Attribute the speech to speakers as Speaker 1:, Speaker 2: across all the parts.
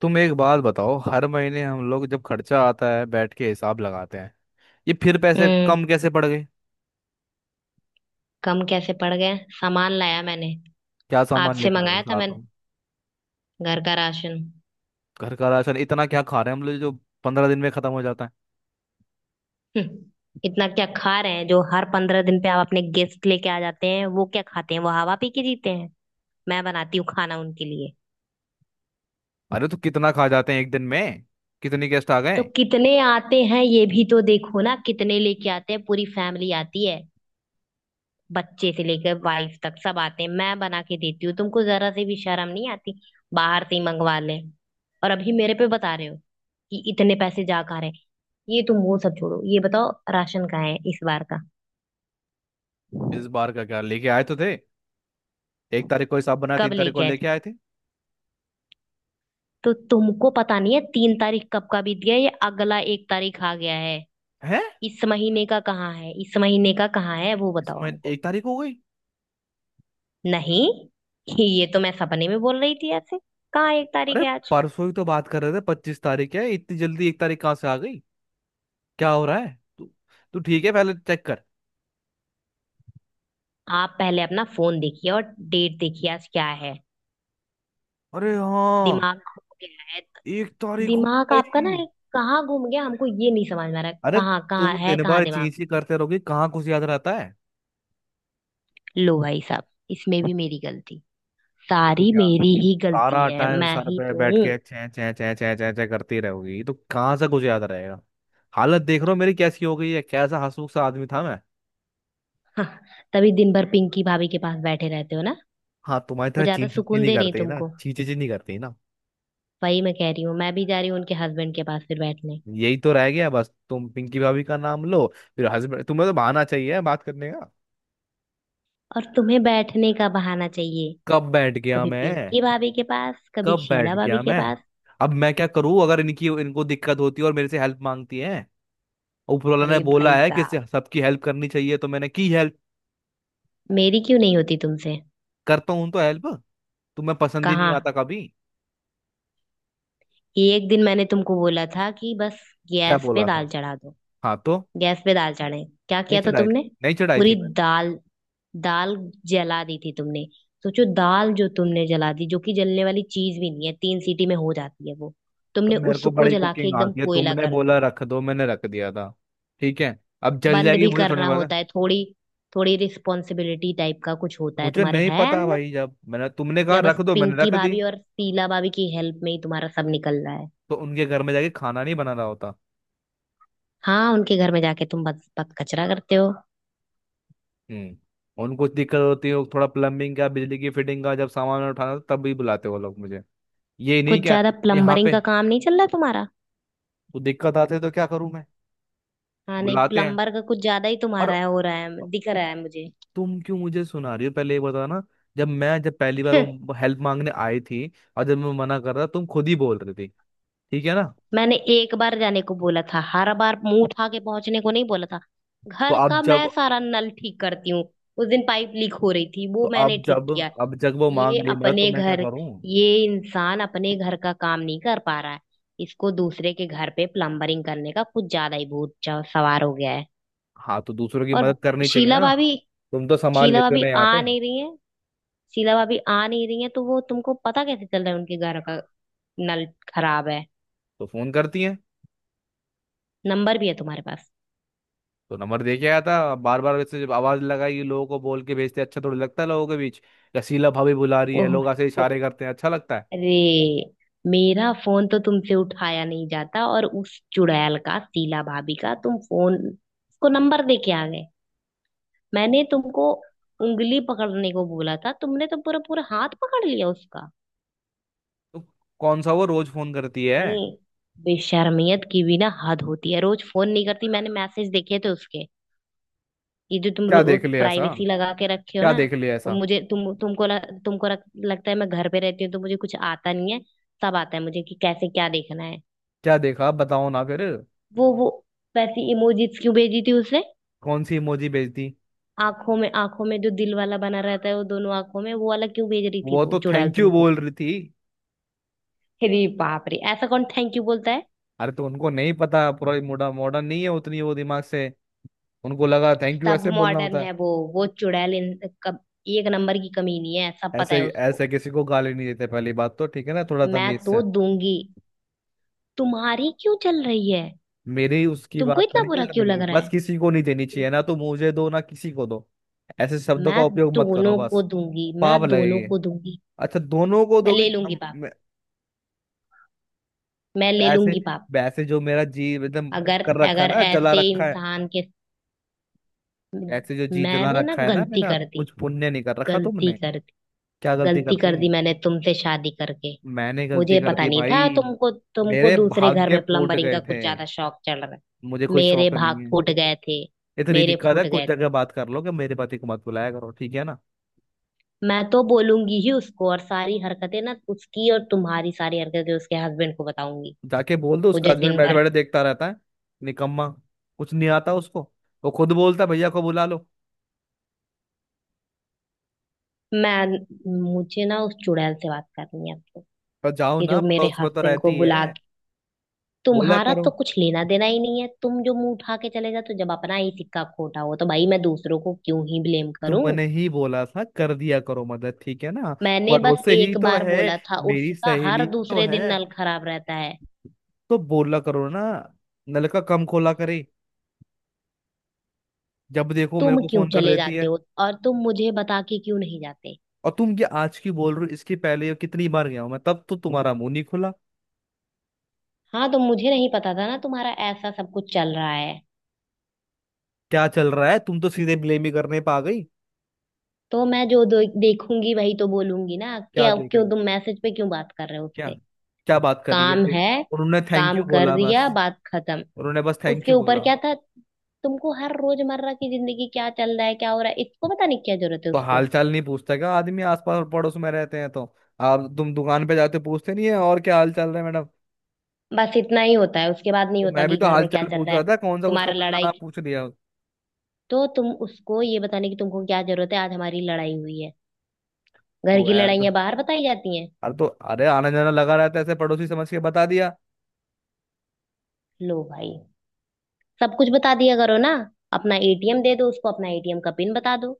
Speaker 1: तुम एक बात बताओ। हर महीने हम लोग जब खर्चा आता है बैठ के हिसाब लगाते हैं। ये फिर पैसे
Speaker 2: हम्म
Speaker 1: कम कैसे पड़ गए?
Speaker 2: कम कैसे पड़ गए? सामान लाया मैंने।
Speaker 1: क्या सामान
Speaker 2: आपसे
Speaker 1: लेके आए हो
Speaker 2: मंगाया था
Speaker 1: साथ
Speaker 2: मैंने,
Speaker 1: में?
Speaker 2: घर का राशन।
Speaker 1: घर का राशन इतना क्या खा रहे हैं हम लोग जो 15 दिन में खत्म हो जाता है?
Speaker 2: हम्म, इतना क्या खा रहे हैं जो हर 15 दिन पे आप अपने गेस्ट लेके आ जाते हैं? वो क्या खाते हैं? वो हवा पी के जीते हैं? मैं बनाती हूँ खाना उनके लिए।
Speaker 1: अरे तो कितना खा जाते हैं एक दिन में? कितनी गेस्ट आ
Speaker 2: तो
Speaker 1: गए?
Speaker 2: कितने आते हैं ये भी तो देखो ना, कितने लेके आते हैं, पूरी फैमिली आती है। बच्चे से लेकर वाइफ तक सब आते हैं, मैं बना के देती हूँ। तुमको जरा से भी शर्म नहीं आती, बाहर से ही मंगवा ले। और अभी मेरे पे बता रहे हो कि इतने पैसे जा खा रहे हैं। ये तुम वो सब छोड़ो, ये बताओ राशन कहाँ है इस बार का?
Speaker 1: इस बार का क्या लेके आए तो थे। 1 तारीख को हिसाब बनाया,
Speaker 2: कब
Speaker 1: 3 तारीख को
Speaker 2: लेके आए
Speaker 1: लेके
Speaker 2: थे?
Speaker 1: आए थे।
Speaker 2: तो तुमको पता नहीं है, 3 तारीख कब का बीत गया, ये अगला 1 तारीख आ गया है।
Speaker 1: हैं?
Speaker 2: इस महीने का कहाँ है, इस महीने का कहाँ है, वो
Speaker 1: इस
Speaker 2: बताओ
Speaker 1: महीने
Speaker 2: हमको।
Speaker 1: 1 तारीख हो गई।
Speaker 2: नहीं, ये तो मैं सपने में बोल रही थी ऐसे। कहाँ 1 तारीख
Speaker 1: अरे,
Speaker 2: है आज?
Speaker 1: परसों ही तो बात कर रहे थे, 25 तारीख है, इतनी जल्दी 1 तारीख कहाँ से आ गई? क्या हो रहा है तू? तू ठीक है पहले चेक कर।
Speaker 2: आप पहले अपना फोन देखिए और डेट देखिए आज क्या है।
Speaker 1: अरे हाँ,
Speaker 2: दिमाग खो गया है।
Speaker 1: 1 तारीख हो
Speaker 2: दिमाग आपका ना
Speaker 1: गई।
Speaker 2: एक कहाँ घूम गया, हमको ये नहीं समझ में आ रहा
Speaker 1: अरे,
Speaker 2: कहाँ कहाँ
Speaker 1: तुम
Speaker 2: है,
Speaker 1: दिन
Speaker 2: कहाँ
Speaker 1: भर
Speaker 2: दिमाग।
Speaker 1: चींची करते रहोगे, कहाँ कुछ याद रहता है।
Speaker 2: लो भाई साहब, इसमें भी मेरी गलती।
Speaker 1: ये तो
Speaker 2: सारी
Speaker 1: क्या,
Speaker 2: मेरी ही
Speaker 1: सारा
Speaker 2: गलती है,
Speaker 1: टाइम
Speaker 2: मैं
Speaker 1: सर
Speaker 2: ही
Speaker 1: पे
Speaker 2: तो
Speaker 1: बैठ
Speaker 2: हूँ।
Speaker 1: के चै चै चै चै चै चै करती रहोगी, ये तो कहाँ से कुछ याद रहेगा। हालत देख रहे हो मेरी कैसी हो गई है, कैसा हंसमुख सा आदमी था मैं।
Speaker 2: हाँ, तभी दिन भर पिंकी भाभी के पास बैठे रहते हो ना।
Speaker 1: हाँ, तुम्हारी
Speaker 2: वो
Speaker 1: तरह
Speaker 2: ज्यादा
Speaker 1: चींची चींची
Speaker 2: सुकून
Speaker 1: नहीं
Speaker 2: दे रही
Speaker 1: करते ना,
Speaker 2: तुमको?
Speaker 1: चींची चींची नहीं करते ना।
Speaker 2: वही मैं कह रही हूँ, मैं भी जा रही हूँ उनके हस्बैंड के पास फिर बैठने।
Speaker 1: यही तो रह गया बस, तुम पिंकी भाभी का नाम लो फिर हस्बैंड, तुम्हें तो बहाना चाहिए बात करने का।
Speaker 2: और तुम्हें बैठने का बहाना चाहिए,
Speaker 1: कब बैठ गया
Speaker 2: कभी
Speaker 1: मैं?
Speaker 2: पिंकी भाभी के पास, कभी
Speaker 1: कब बैठ
Speaker 2: शीला भाभी
Speaker 1: गया
Speaker 2: के
Speaker 1: मैं?
Speaker 2: पास।
Speaker 1: अब मैं क्या करूं, अगर इनकी इनको दिक्कत होती है और मेरे से हेल्प मांगती है। ऊपर वाला ने
Speaker 2: अरे
Speaker 1: बोला
Speaker 2: भाई
Speaker 1: है कि
Speaker 2: साहब,
Speaker 1: सबकी हेल्प करनी चाहिए, तो मैंने की हेल्प।
Speaker 2: मेरी क्यों नहीं होती तुमसे?
Speaker 1: करता हूं तो हेल्प, तुम्हें पसंद ही नहीं
Speaker 2: कहाँ?
Speaker 1: आता कभी।
Speaker 2: एक दिन मैंने तुमको बोला था कि बस
Speaker 1: क्या
Speaker 2: गैस पे
Speaker 1: बोला
Speaker 2: दाल
Speaker 1: था?
Speaker 2: चढ़ा दो।
Speaker 1: हाँ, तो
Speaker 2: गैस पे दाल चढ़ाए, क्या
Speaker 1: नहीं
Speaker 2: किया था
Speaker 1: चढ़ाई थी।
Speaker 2: तुमने?
Speaker 1: नहीं चढ़ाई थी
Speaker 2: पूरी
Speaker 1: मैंने।
Speaker 2: दाल दाल जला दी थी तुमने। सोचो, दाल जो तुमने जला दी, जो कि जलने वाली चीज भी नहीं है, 3 सीटी में हो जाती है वो,
Speaker 1: तो
Speaker 2: तुमने
Speaker 1: मेरे को
Speaker 2: उसको
Speaker 1: बड़ी
Speaker 2: जला के
Speaker 1: कुकिंग
Speaker 2: एकदम
Speaker 1: आती है,
Speaker 2: कोयला
Speaker 1: तुमने
Speaker 2: कर
Speaker 1: बोला
Speaker 2: दिया।
Speaker 1: रख दो मैंने रख दिया था। ठीक है। अब जल
Speaker 2: बंद
Speaker 1: जाएगी
Speaker 2: भी
Speaker 1: मुझे थोड़ी
Speaker 2: करना
Speaker 1: पता।
Speaker 2: होता है थोड़ी, थोड़ी रिस्पॉन्सिबिलिटी टाइप का कुछ होता है
Speaker 1: मुझे
Speaker 2: तुम्हारे
Speaker 1: नहीं
Speaker 2: है
Speaker 1: पता
Speaker 2: अंदर?
Speaker 1: भाई, जब मैंने तुमने कहा
Speaker 2: या बस
Speaker 1: रख दो मैंने
Speaker 2: पिंकी
Speaker 1: रख दी।
Speaker 2: भाभी और शीला भाभी की हेल्प में ही तुम्हारा सब निकल रहा है?
Speaker 1: तो उनके घर में जाके खाना नहीं बना रहा होता।
Speaker 2: हाँ, उनके घर में जाके तुम बस बस कचरा करते हो।
Speaker 1: हम्म। उनको दिक्कत होती है, वो थोड़ा प्लम्बिंग का, बिजली की फिटिंग का जब सामान उठाना होता, तब भी बुलाते वो लोग मुझे। ये नहीं
Speaker 2: कुछ
Speaker 1: क्या?
Speaker 2: ज्यादा
Speaker 1: यहाँ
Speaker 2: प्लम्बरिंग
Speaker 1: पे
Speaker 2: का काम नहीं चल रहा तुम्हारा?
Speaker 1: तो दिक्कत आते तो क्या करूं मैं?
Speaker 2: हाँ नहीं,
Speaker 1: बुलाते हैं।
Speaker 2: प्लम्बर का कुछ ज्यादा ही
Speaker 1: और
Speaker 2: तुम्हारा है हो रहा है, दिख
Speaker 1: तु,
Speaker 2: रहा है मुझे।
Speaker 1: तुम क्यों मुझे सुना रही हो, पहले ये बताओ ना। जब मैं जब पहली बार
Speaker 2: हं,
Speaker 1: वो हेल्प मांगने आई थी और जब मैं मना कर रहा, तुम खुद ही बोल रही थी, ठीक है ना।
Speaker 2: मैंने एक बार जाने को बोला था, हर बार मुंह उठा के पहुंचने को नहीं बोला था।
Speaker 1: तो
Speaker 2: घर
Speaker 1: अब
Speaker 2: का मैं
Speaker 1: जब
Speaker 2: सारा नल ठीक करती हूँ, उस दिन पाइप लीक हो रही थी
Speaker 1: तो
Speaker 2: वो
Speaker 1: अब
Speaker 2: मैंने ठीक
Speaker 1: जब
Speaker 2: किया।
Speaker 1: अब जब वो
Speaker 2: ये
Speaker 1: मांग रही है मदद तो
Speaker 2: अपने
Speaker 1: मैं क्या
Speaker 2: घर,
Speaker 1: करूं?
Speaker 2: ये इंसान अपने घर का काम नहीं कर पा रहा है, इसको दूसरे के घर पे प्लम्बरिंग करने का कुछ ज्यादा ही भूत सवार हो गया है।
Speaker 1: हाँ, तो दूसरों की
Speaker 2: और
Speaker 1: मदद करनी चाहिए
Speaker 2: शीला
Speaker 1: ना।
Speaker 2: भाभी,
Speaker 1: तुम तो संभाल
Speaker 2: शीला
Speaker 1: लेते हो
Speaker 2: भाभी
Speaker 1: ना
Speaker 2: आ
Speaker 1: यहाँ पे।
Speaker 2: नहीं रही है। शीला भाभी आ नहीं रही है, तो वो तुमको पता कैसे चल रहा है उनके घर का नल खराब है?
Speaker 1: तो फोन करती है।
Speaker 2: नंबर भी है तुम्हारे पास?
Speaker 1: तो नंबर दे के आया था, बार बार वैसे जब आवाज लगाई, लोगों को बोल के भेजते अच्छा थोड़ी लगता है, लोगों के बीच या शीला भाभी बुला रही है
Speaker 2: ओह
Speaker 1: लोग ऐसे
Speaker 2: हो,
Speaker 1: इशारे करते हैं, अच्छा लगता है?
Speaker 2: अरे! मेरा फोन तो तुमसे उठाया नहीं जाता और उस चुड़ैल का, शीला भाभी का, तुम फोन को नंबर दे के आ गए। मैंने तुमको उंगली पकड़ने को बोला था, तुमने तो पूरा पूरा हाथ पकड़ लिया उसका।
Speaker 1: तो कौन सा वो रोज फोन करती है।
Speaker 2: ये बेशर्मियत की भी ना हद होती है। रोज फोन नहीं करती, मैंने मैसेज देखे थे उसके। ये जो तुम
Speaker 1: क्या देख लिया ऐसा?
Speaker 2: प्राइवेसी लगा के रखे हो
Speaker 1: क्या
Speaker 2: ना,
Speaker 1: देख लिया
Speaker 2: वो
Speaker 1: ऐसा?
Speaker 2: मुझे तुम तुमको ल, तुमको रख, लगता है मैं घर पे रहती हूँ तो मुझे कुछ आता नहीं है। सब आता है मुझे कि कैसे क्या देखना है।
Speaker 1: क्या देखा, आप बताओ ना फिर।
Speaker 2: वो वैसी इमोजीज क्यों भेजी थी उसने?
Speaker 1: कौन सी इमोजी भेजती।
Speaker 2: आंखों में, आंखों में जो दिल वाला बना रहता है, वो दोनों आंखों में वो वाला क्यों भेज रही थी
Speaker 1: वो
Speaker 2: वो
Speaker 1: तो
Speaker 2: चुड़ैल
Speaker 1: थैंक यू
Speaker 2: तुमको?
Speaker 1: बोल रही थी।
Speaker 2: अरे बाप रे, ऐसा कौन थैंक यू बोलता है?
Speaker 1: अरे, तो उनको नहीं पता, पूरा मॉडर्न मॉडर्न नहीं है उतनी वो दिमाग से। उनको लगा थैंक यू
Speaker 2: सब
Speaker 1: ऐसे बोलना
Speaker 2: मॉडर्न
Speaker 1: होता
Speaker 2: है
Speaker 1: है।
Speaker 2: वो चुड़ैल। एक नंबर की कमी नहीं है, सब पता
Speaker 1: ऐसे
Speaker 2: है उसको।
Speaker 1: ऐसे किसी को गाली नहीं देते, पहली बात तो ठीक है ना, थोड़ा
Speaker 2: मैं
Speaker 1: तमीज
Speaker 2: तो
Speaker 1: से।
Speaker 2: दूंगी, तुम्हारी क्यों चल रही है?
Speaker 1: मेरी उसकी
Speaker 2: तुमको
Speaker 1: बात पे
Speaker 2: इतना
Speaker 1: नहीं चल
Speaker 2: बुरा क्यों
Speaker 1: रही,
Speaker 2: लग रहा
Speaker 1: बस
Speaker 2: है?
Speaker 1: किसी को नहीं देनी चाहिए ना, तो मुझे दो ना, किसी को दो। ऐसे शब्दों का
Speaker 2: मैं
Speaker 1: उपयोग मत करो
Speaker 2: दोनों को
Speaker 1: बस।
Speaker 2: दूंगी, मैं
Speaker 1: पाप
Speaker 2: दोनों
Speaker 1: लगेगी।
Speaker 2: को दूंगी।
Speaker 1: अच्छा, दोनों को
Speaker 2: मैं ले
Speaker 1: दोगे?
Speaker 2: लूंगी पाप, मैं ले
Speaker 1: ऐसे,
Speaker 2: लूंगी पाप।
Speaker 1: वैसे जो मेरा जी एकदम
Speaker 2: अगर,
Speaker 1: कर रखा है
Speaker 2: अगर
Speaker 1: ना, जला
Speaker 2: ऐसे
Speaker 1: रखा है।
Speaker 2: इंसान के,
Speaker 1: ऐसे जो जी जला
Speaker 2: मैंने ना
Speaker 1: रखा है ना
Speaker 2: गलती
Speaker 1: मेरा,
Speaker 2: कर दी।
Speaker 1: कुछ पुण्य नहीं कर रखा
Speaker 2: गलती
Speaker 1: तुमने।
Speaker 2: कर दी,
Speaker 1: क्या गलती
Speaker 2: गलती
Speaker 1: करती?
Speaker 2: कर दी मैंने तुमसे शादी करके।
Speaker 1: मैंने गलती
Speaker 2: मुझे पता
Speaker 1: करती
Speaker 2: नहीं था,
Speaker 1: भाई।
Speaker 2: तुमको, तुमको
Speaker 1: मेरे
Speaker 2: दूसरे घर
Speaker 1: भाग्य
Speaker 2: में
Speaker 1: फूट
Speaker 2: प्लम्बरिंग का
Speaker 1: गए थे।
Speaker 2: कुछ ज्यादा शौक चल रहा है।
Speaker 1: मुझे कोई
Speaker 2: मेरे
Speaker 1: शौक नहीं
Speaker 2: भाग
Speaker 1: है।
Speaker 2: फूट गए थे,
Speaker 1: इतनी
Speaker 2: मेरे
Speaker 1: दिक्कत है,
Speaker 2: फूट
Speaker 1: कुछ
Speaker 2: गए
Speaker 1: जगह
Speaker 2: थे।
Speaker 1: बात कर लो कि मेरे पति को मत बुलाया करो, ठीक है ना।
Speaker 2: मैं तो बोलूंगी ही उसको, और सारी हरकतें ना उसकी और तुम्हारी, सारी हरकतें उसके हस्बैंड को बताऊंगी।
Speaker 1: जाके बोल दो,
Speaker 2: वो
Speaker 1: उसका
Speaker 2: जो
Speaker 1: हस्बैंड
Speaker 2: दिन
Speaker 1: बैठे
Speaker 2: भर,
Speaker 1: बैठे देखता रहता है। निकम्मा, कुछ नहीं आता उसको। वो खुद बोलता है, भैया को बुला लो।
Speaker 2: मैं, मुझे ना उस चुड़ैल से बात करनी है आपको।
Speaker 1: पर जाओ
Speaker 2: ये
Speaker 1: ना,
Speaker 2: जो मेरे
Speaker 1: पड़ोस में तो
Speaker 2: हस्बैंड को
Speaker 1: रहती
Speaker 2: बुला
Speaker 1: है।
Speaker 2: के,
Speaker 1: बोला
Speaker 2: तुम्हारा
Speaker 1: करो।
Speaker 2: तो कुछ लेना देना ही नहीं है, तुम जो मुंह उठा के चले जाते हो। जब अपना ही सिक्का खोटा हो तो भाई मैं दूसरों को क्यों ही ब्लेम करूं?
Speaker 1: तुमने ही बोला था कर दिया करो मदद, ठीक है ना।
Speaker 2: मैंने बस
Speaker 1: पड़ोस से ही
Speaker 2: एक
Speaker 1: तो
Speaker 2: बार
Speaker 1: है,
Speaker 2: बोला था,
Speaker 1: मेरी
Speaker 2: उसका हर
Speaker 1: सहेली तो
Speaker 2: दूसरे दिन
Speaker 1: है।
Speaker 2: नल खराब रहता है।
Speaker 1: तो बोला करो ना, नलका कम खोला करे। जब देखो मेरे
Speaker 2: तुम
Speaker 1: को
Speaker 2: क्यों
Speaker 1: फोन कर
Speaker 2: चले
Speaker 1: देती
Speaker 2: जाते
Speaker 1: है।
Speaker 2: हो? और तुम मुझे बता के क्यों नहीं जाते?
Speaker 1: और तुम ये आज की बोल रहे हो, इसके पहले ये कितनी बार गया हूं मैं, तब तो तुम्हारा मुंह नहीं खुला।
Speaker 2: हाँ, तो मुझे नहीं पता था ना तुम्हारा ऐसा सब कुछ चल रहा है।
Speaker 1: क्या चल रहा है? तुम तो सीधे ब्लेम ही करने पे आ गई।
Speaker 2: तो मैं जो देखूंगी वही तो बोलूंगी ना।
Speaker 1: क्या
Speaker 2: क्या,
Speaker 1: देख,
Speaker 2: क्यों तुम मैसेज पे क्यों बात कर रहे हो
Speaker 1: क्या,
Speaker 2: उससे?
Speaker 1: क्या बात कर रही है
Speaker 2: काम
Speaker 1: ऐसे?
Speaker 2: है,
Speaker 1: उन्होंने थैंक
Speaker 2: काम
Speaker 1: यू
Speaker 2: कर
Speaker 1: बोला
Speaker 2: दिया,
Speaker 1: बस।
Speaker 2: बात खत्म।
Speaker 1: उन्होंने बस थैंक
Speaker 2: उसके
Speaker 1: यू
Speaker 2: ऊपर
Speaker 1: बोला।
Speaker 2: क्या था, तुमको हर रोजमर्रा की जिंदगी क्या चल रहा है, क्या हो रहा है, इसको पता नहीं क्या जरूरत है
Speaker 1: तो हाल
Speaker 2: उसको?
Speaker 1: चाल नहीं पूछता क्या आदमी, आसपास और पड़ोस में रहते हैं तो। आप तुम दुकान पे जाते हो, पूछते नहीं है और क्या हाल चाल रहा है मैडम?
Speaker 2: बस इतना ही होता है, उसके बाद नहीं
Speaker 1: तो
Speaker 2: होता
Speaker 1: मैं भी
Speaker 2: कि
Speaker 1: तो
Speaker 2: घर
Speaker 1: हाल
Speaker 2: में क्या
Speaker 1: चाल
Speaker 2: चल
Speaker 1: पूछ
Speaker 2: रहा है।
Speaker 1: रहा था, कौन सा कुछ
Speaker 2: तुम्हारा
Speaker 1: कपड़े का
Speaker 2: लड़ाई,
Speaker 1: नाम पूछ लिया।
Speaker 2: तो तुम उसको ये बताने की तुमको क्या जरूरत है आज हमारी लड़ाई हुई है? घर
Speaker 1: तो
Speaker 2: की
Speaker 1: यार तो-
Speaker 2: लड़ाइयां बाहर बताई जाती हैं?
Speaker 1: अरे तो अरे, आना जाना लगा रहता है, ऐसे पड़ोसी समझ के बता दिया।
Speaker 2: लो भाई, सब कुछ बता दिया करो ना, अपना एटीएम दे दो उसको, अपना एटीएम का पिन बता दो।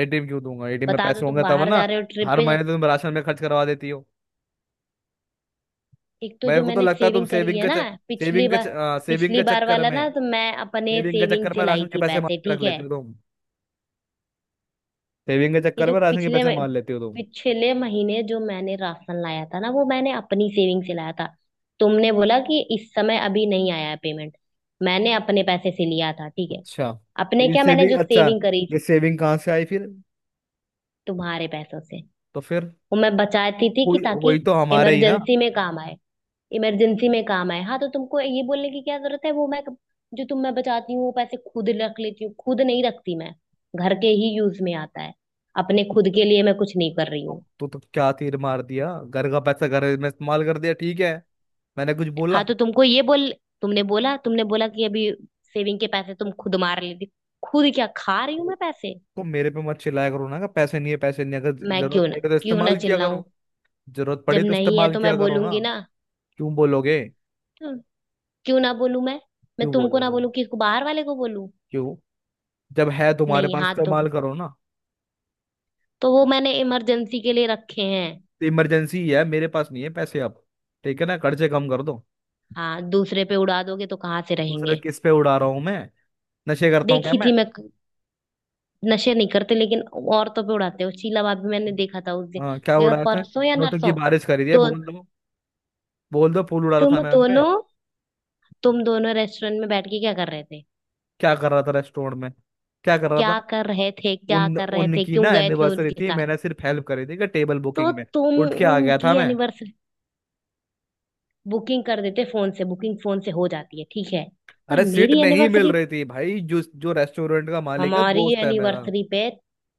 Speaker 1: एटीएम क्यों दूंगा? एटीएम में
Speaker 2: बता दो
Speaker 1: पैसे
Speaker 2: तुम
Speaker 1: होंगे तब
Speaker 2: बाहर
Speaker 1: ना।
Speaker 2: जा रहे हो ट्रिप
Speaker 1: हर
Speaker 2: पे।
Speaker 1: महीने तो तुम राशन में खर्च करवा देती हो।
Speaker 2: एक तो जो
Speaker 1: मेरे को तो
Speaker 2: मैंने
Speaker 1: लगता है, तुम
Speaker 2: सेविंग करी है ना, पिछली बार,
Speaker 1: सेविंग
Speaker 2: पिछली
Speaker 1: के
Speaker 2: बार
Speaker 1: चक्कर
Speaker 2: वाला
Speaker 1: में
Speaker 2: ना तो मैं अपने
Speaker 1: सेविंग के
Speaker 2: सेविंग
Speaker 1: चक्कर
Speaker 2: से
Speaker 1: में
Speaker 2: लाई
Speaker 1: राशन के
Speaker 2: थी
Speaker 1: पैसे मार
Speaker 2: पैसे,
Speaker 1: के रख
Speaker 2: ठीक है?
Speaker 1: लेते हो तुम। सेविंग के
Speaker 2: ये
Speaker 1: चक्कर
Speaker 2: जो
Speaker 1: में राशन के पैसे मार लेते हो तुम।
Speaker 2: पिछले महीने जो मैंने राशन लाया था ना वो मैंने अपनी सेविंग से लाया था। तुमने बोला कि इस समय अभी नहीं आया है पेमेंट, मैंने अपने पैसे से लिया था, ठीक है?
Speaker 1: अच्छा, तो
Speaker 2: अपने
Speaker 1: ये
Speaker 2: क्या, मैंने
Speaker 1: सेविंग,
Speaker 2: जो
Speaker 1: अच्छा,
Speaker 2: सेविंग करी
Speaker 1: ये
Speaker 2: थी,
Speaker 1: सेविंग कहाँ से आई फिर?
Speaker 2: तुम्हारे पैसों से,
Speaker 1: तो फिर
Speaker 2: वो मैं बचाती थी कि
Speaker 1: हुई
Speaker 2: ताकि
Speaker 1: हुई तो हमारे ही ना।
Speaker 2: इमरजेंसी में काम आए। इमरजेंसी में काम आए। हाँ तो तुमको ये बोलने की क्या जरूरत है वो मैं, जो तुम, मैं बचाती हूँ वो पैसे खुद रख लेती हूँ, खुद नहीं रखती मैं। घर के ही यूज में आता है, अपने खुद के लिए मैं कुछ नहीं कर रही
Speaker 1: तो,
Speaker 2: हूँ।
Speaker 1: तो, तो क्या तीर मार दिया, घर का पैसा घर में इस्तेमाल कर दिया, ठीक है। मैंने कुछ
Speaker 2: हाँ
Speaker 1: बोला?
Speaker 2: तो तुमको ये बोल, तुमने बोला, तुमने बोला कि अभी सेविंग के पैसे तुम खुद मार लेती। खुद क्या खा रही हूँ
Speaker 1: ओ,
Speaker 2: मैं पैसे?
Speaker 1: तो मेरे पे मत चिल्लाया करो ना कि पैसे नहीं है पैसे नहीं है। अगर
Speaker 2: मैं क्यों
Speaker 1: जरूरत
Speaker 2: ना,
Speaker 1: पड़े तो
Speaker 2: क्यों ना
Speaker 1: इस्तेमाल किया
Speaker 2: चिल्लाऊं?
Speaker 1: करो। जरूरत
Speaker 2: जब
Speaker 1: पड़े तो
Speaker 2: नहीं है
Speaker 1: इस्तेमाल
Speaker 2: तो
Speaker 1: किया
Speaker 2: मैं
Speaker 1: करो ना।
Speaker 2: बोलूंगी ना,
Speaker 1: क्यों बोलोगे?
Speaker 2: तो क्यों ना बोलूं मैं? मैं
Speaker 1: क्यों
Speaker 2: तुमको ना
Speaker 1: बोलोगे?
Speaker 2: बोलूं किसको, बाहर वाले को बोलूं?
Speaker 1: क्यों? जब है तुम्हारे
Speaker 2: नहीं,
Speaker 1: पास
Speaker 2: हाँ,
Speaker 1: इस्तेमाल करो ना।
Speaker 2: तो वो मैंने इमरजेंसी के लिए रखे हैं।
Speaker 1: तो इमरजेंसी है, मेरे पास नहीं है पैसे अब, ठीक है ना, खर्चे कम कर दो।
Speaker 2: हाँ, दूसरे पे उड़ा दोगे तो कहाँ से
Speaker 1: दूसरा
Speaker 2: रहेंगे?
Speaker 1: किस पे उड़ा रहा हूँ मैं? नशे करता हूँ क्या
Speaker 2: देखी
Speaker 1: मैं?
Speaker 2: थी मैं। नशे नहीं करते, लेकिन औरतों पे उड़ाते हो। शीला भाभी, मैंने देखा था उस दिन।
Speaker 1: हाँ, क्या उड़ाया था?
Speaker 2: परसों या
Speaker 1: नोटों की
Speaker 2: नरसों।
Speaker 1: बारिश करी है
Speaker 2: तो
Speaker 1: बोल दो, बोल दो फूल उड़ा रहा
Speaker 2: तुम
Speaker 1: था मैं उनपे।
Speaker 2: दोनों, तुम दोनों रेस्टोरेंट में बैठ के क्या कर रहे थे?
Speaker 1: क्या कर रहा था रेस्टोरेंट में? क्या कर रहा था?
Speaker 2: क्या कर रहे थे, क्या
Speaker 1: उन
Speaker 2: कर रहे थे,
Speaker 1: उनकी
Speaker 2: क्यों
Speaker 1: ना
Speaker 2: गए थे
Speaker 1: एनिवर्सरी
Speaker 2: उनके
Speaker 1: थी,
Speaker 2: साथ?
Speaker 1: मैंने सिर्फ हेल्प करी थी कि टेबल
Speaker 2: तो
Speaker 1: बुकिंग में।
Speaker 2: तुम,
Speaker 1: उठ के आ गया था
Speaker 2: उनकी
Speaker 1: मैं।
Speaker 2: एनिवर्सरी बुकिंग कर देते, फोन से बुकिंग फोन से हो जाती है, ठीक है? पर
Speaker 1: अरे सीट
Speaker 2: मेरी
Speaker 1: नहीं मिल
Speaker 2: एनिवर्सरी,
Speaker 1: रही थी भाई, जो जो रेस्टोरेंट का मालिक है
Speaker 2: हमारी
Speaker 1: दोस्त है मेरा।
Speaker 2: एनिवर्सरी पे,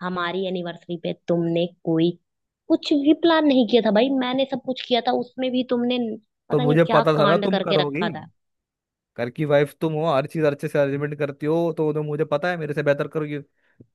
Speaker 2: हमारी एनिवर्सरी पे तुमने कोई कुछ भी प्लान नहीं किया था। भाई मैंने सब कुछ किया था, उसमें भी तुमने
Speaker 1: तो
Speaker 2: पता नहीं
Speaker 1: मुझे
Speaker 2: क्या
Speaker 1: पता था ना,
Speaker 2: कांड
Speaker 1: तुम
Speaker 2: करके
Speaker 1: करोगी।
Speaker 2: रखा था।
Speaker 1: घर की वाइफ तुम हो, हर चीज अच्छे से अरेंजमेंट करती हो, तो मुझे पता है मेरे से बेहतर करोगी,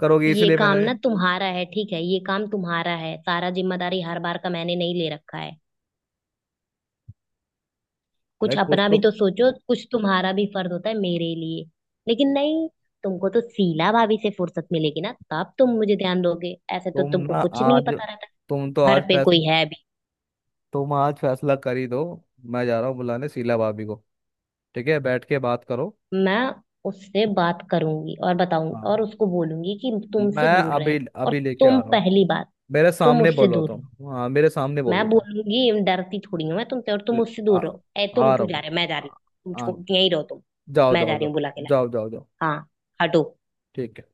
Speaker 1: करोगी
Speaker 2: ये
Speaker 1: इसलिए
Speaker 2: काम
Speaker 1: मैंने।
Speaker 2: ना तुम्हारा है, ठीक है? ये काम तुम्हारा है, सारा जिम्मेदारी हर बार का मैंने नहीं ले रखा है।
Speaker 1: अरे
Speaker 2: कुछ
Speaker 1: कुछ
Speaker 2: अपना
Speaker 1: तो।
Speaker 2: भी तो सोचो, कुछ तुम्हारा भी फर्ज होता है मेरे लिए। लेकिन नहीं, तुमको तो शीला भाभी से फुर्सत मिलेगी ना तब तुम मुझे ध्यान दोगे। ऐसे तो
Speaker 1: तुम
Speaker 2: तुमको
Speaker 1: ना
Speaker 2: कुछ नहीं
Speaker 1: आज
Speaker 2: पता रहता कि
Speaker 1: तुम तो
Speaker 2: घर
Speaker 1: आज
Speaker 2: पे
Speaker 1: फैसला
Speaker 2: कोई है।
Speaker 1: तुम आज फैसला कर ही दो। मैं जा रहा हूँ बुलाने शीला भाभी को, ठीक है, बैठ के बात करो।
Speaker 2: मैं उससे बात करूंगी और बताऊंगी
Speaker 1: हाँ,
Speaker 2: और उसको बोलूंगी कि तुमसे
Speaker 1: मैं
Speaker 2: दूर रहे।
Speaker 1: अभी
Speaker 2: और
Speaker 1: अभी लेके आ
Speaker 2: तुम
Speaker 1: रहा हूँ।
Speaker 2: पहली बात,
Speaker 1: मेरे
Speaker 2: तुम
Speaker 1: सामने
Speaker 2: उससे
Speaker 1: बोलो
Speaker 2: दूर
Speaker 1: तुम।
Speaker 2: रहो।
Speaker 1: हाँ, मेरे सामने
Speaker 2: मैं
Speaker 1: बोलो तुम।
Speaker 2: बोलूंगी, डरती थोड़ी हूँ मैं तुमसे। और तुम
Speaker 1: ल-
Speaker 2: उससे
Speaker 1: आ,
Speaker 2: दूर रहो। ए तुम
Speaker 1: आ रहा
Speaker 2: क्यों जा
Speaker 1: हूँ।
Speaker 2: रहे हो? मैं जा रही
Speaker 1: आ,
Speaker 2: हूँ, तुम
Speaker 1: आ-
Speaker 2: छोड़, यहीं रहो तुम।
Speaker 1: जाओ
Speaker 2: मैं
Speaker 1: जाओ
Speaker 2: जा रही
Speaker 1: जाओ।
Speaker 2: हूँ बुला के लाने।
Speaker 1: जाओ जाओ जाओ।
Speaker 2: हाँ, हटो।
Speaker 1: ठीक है।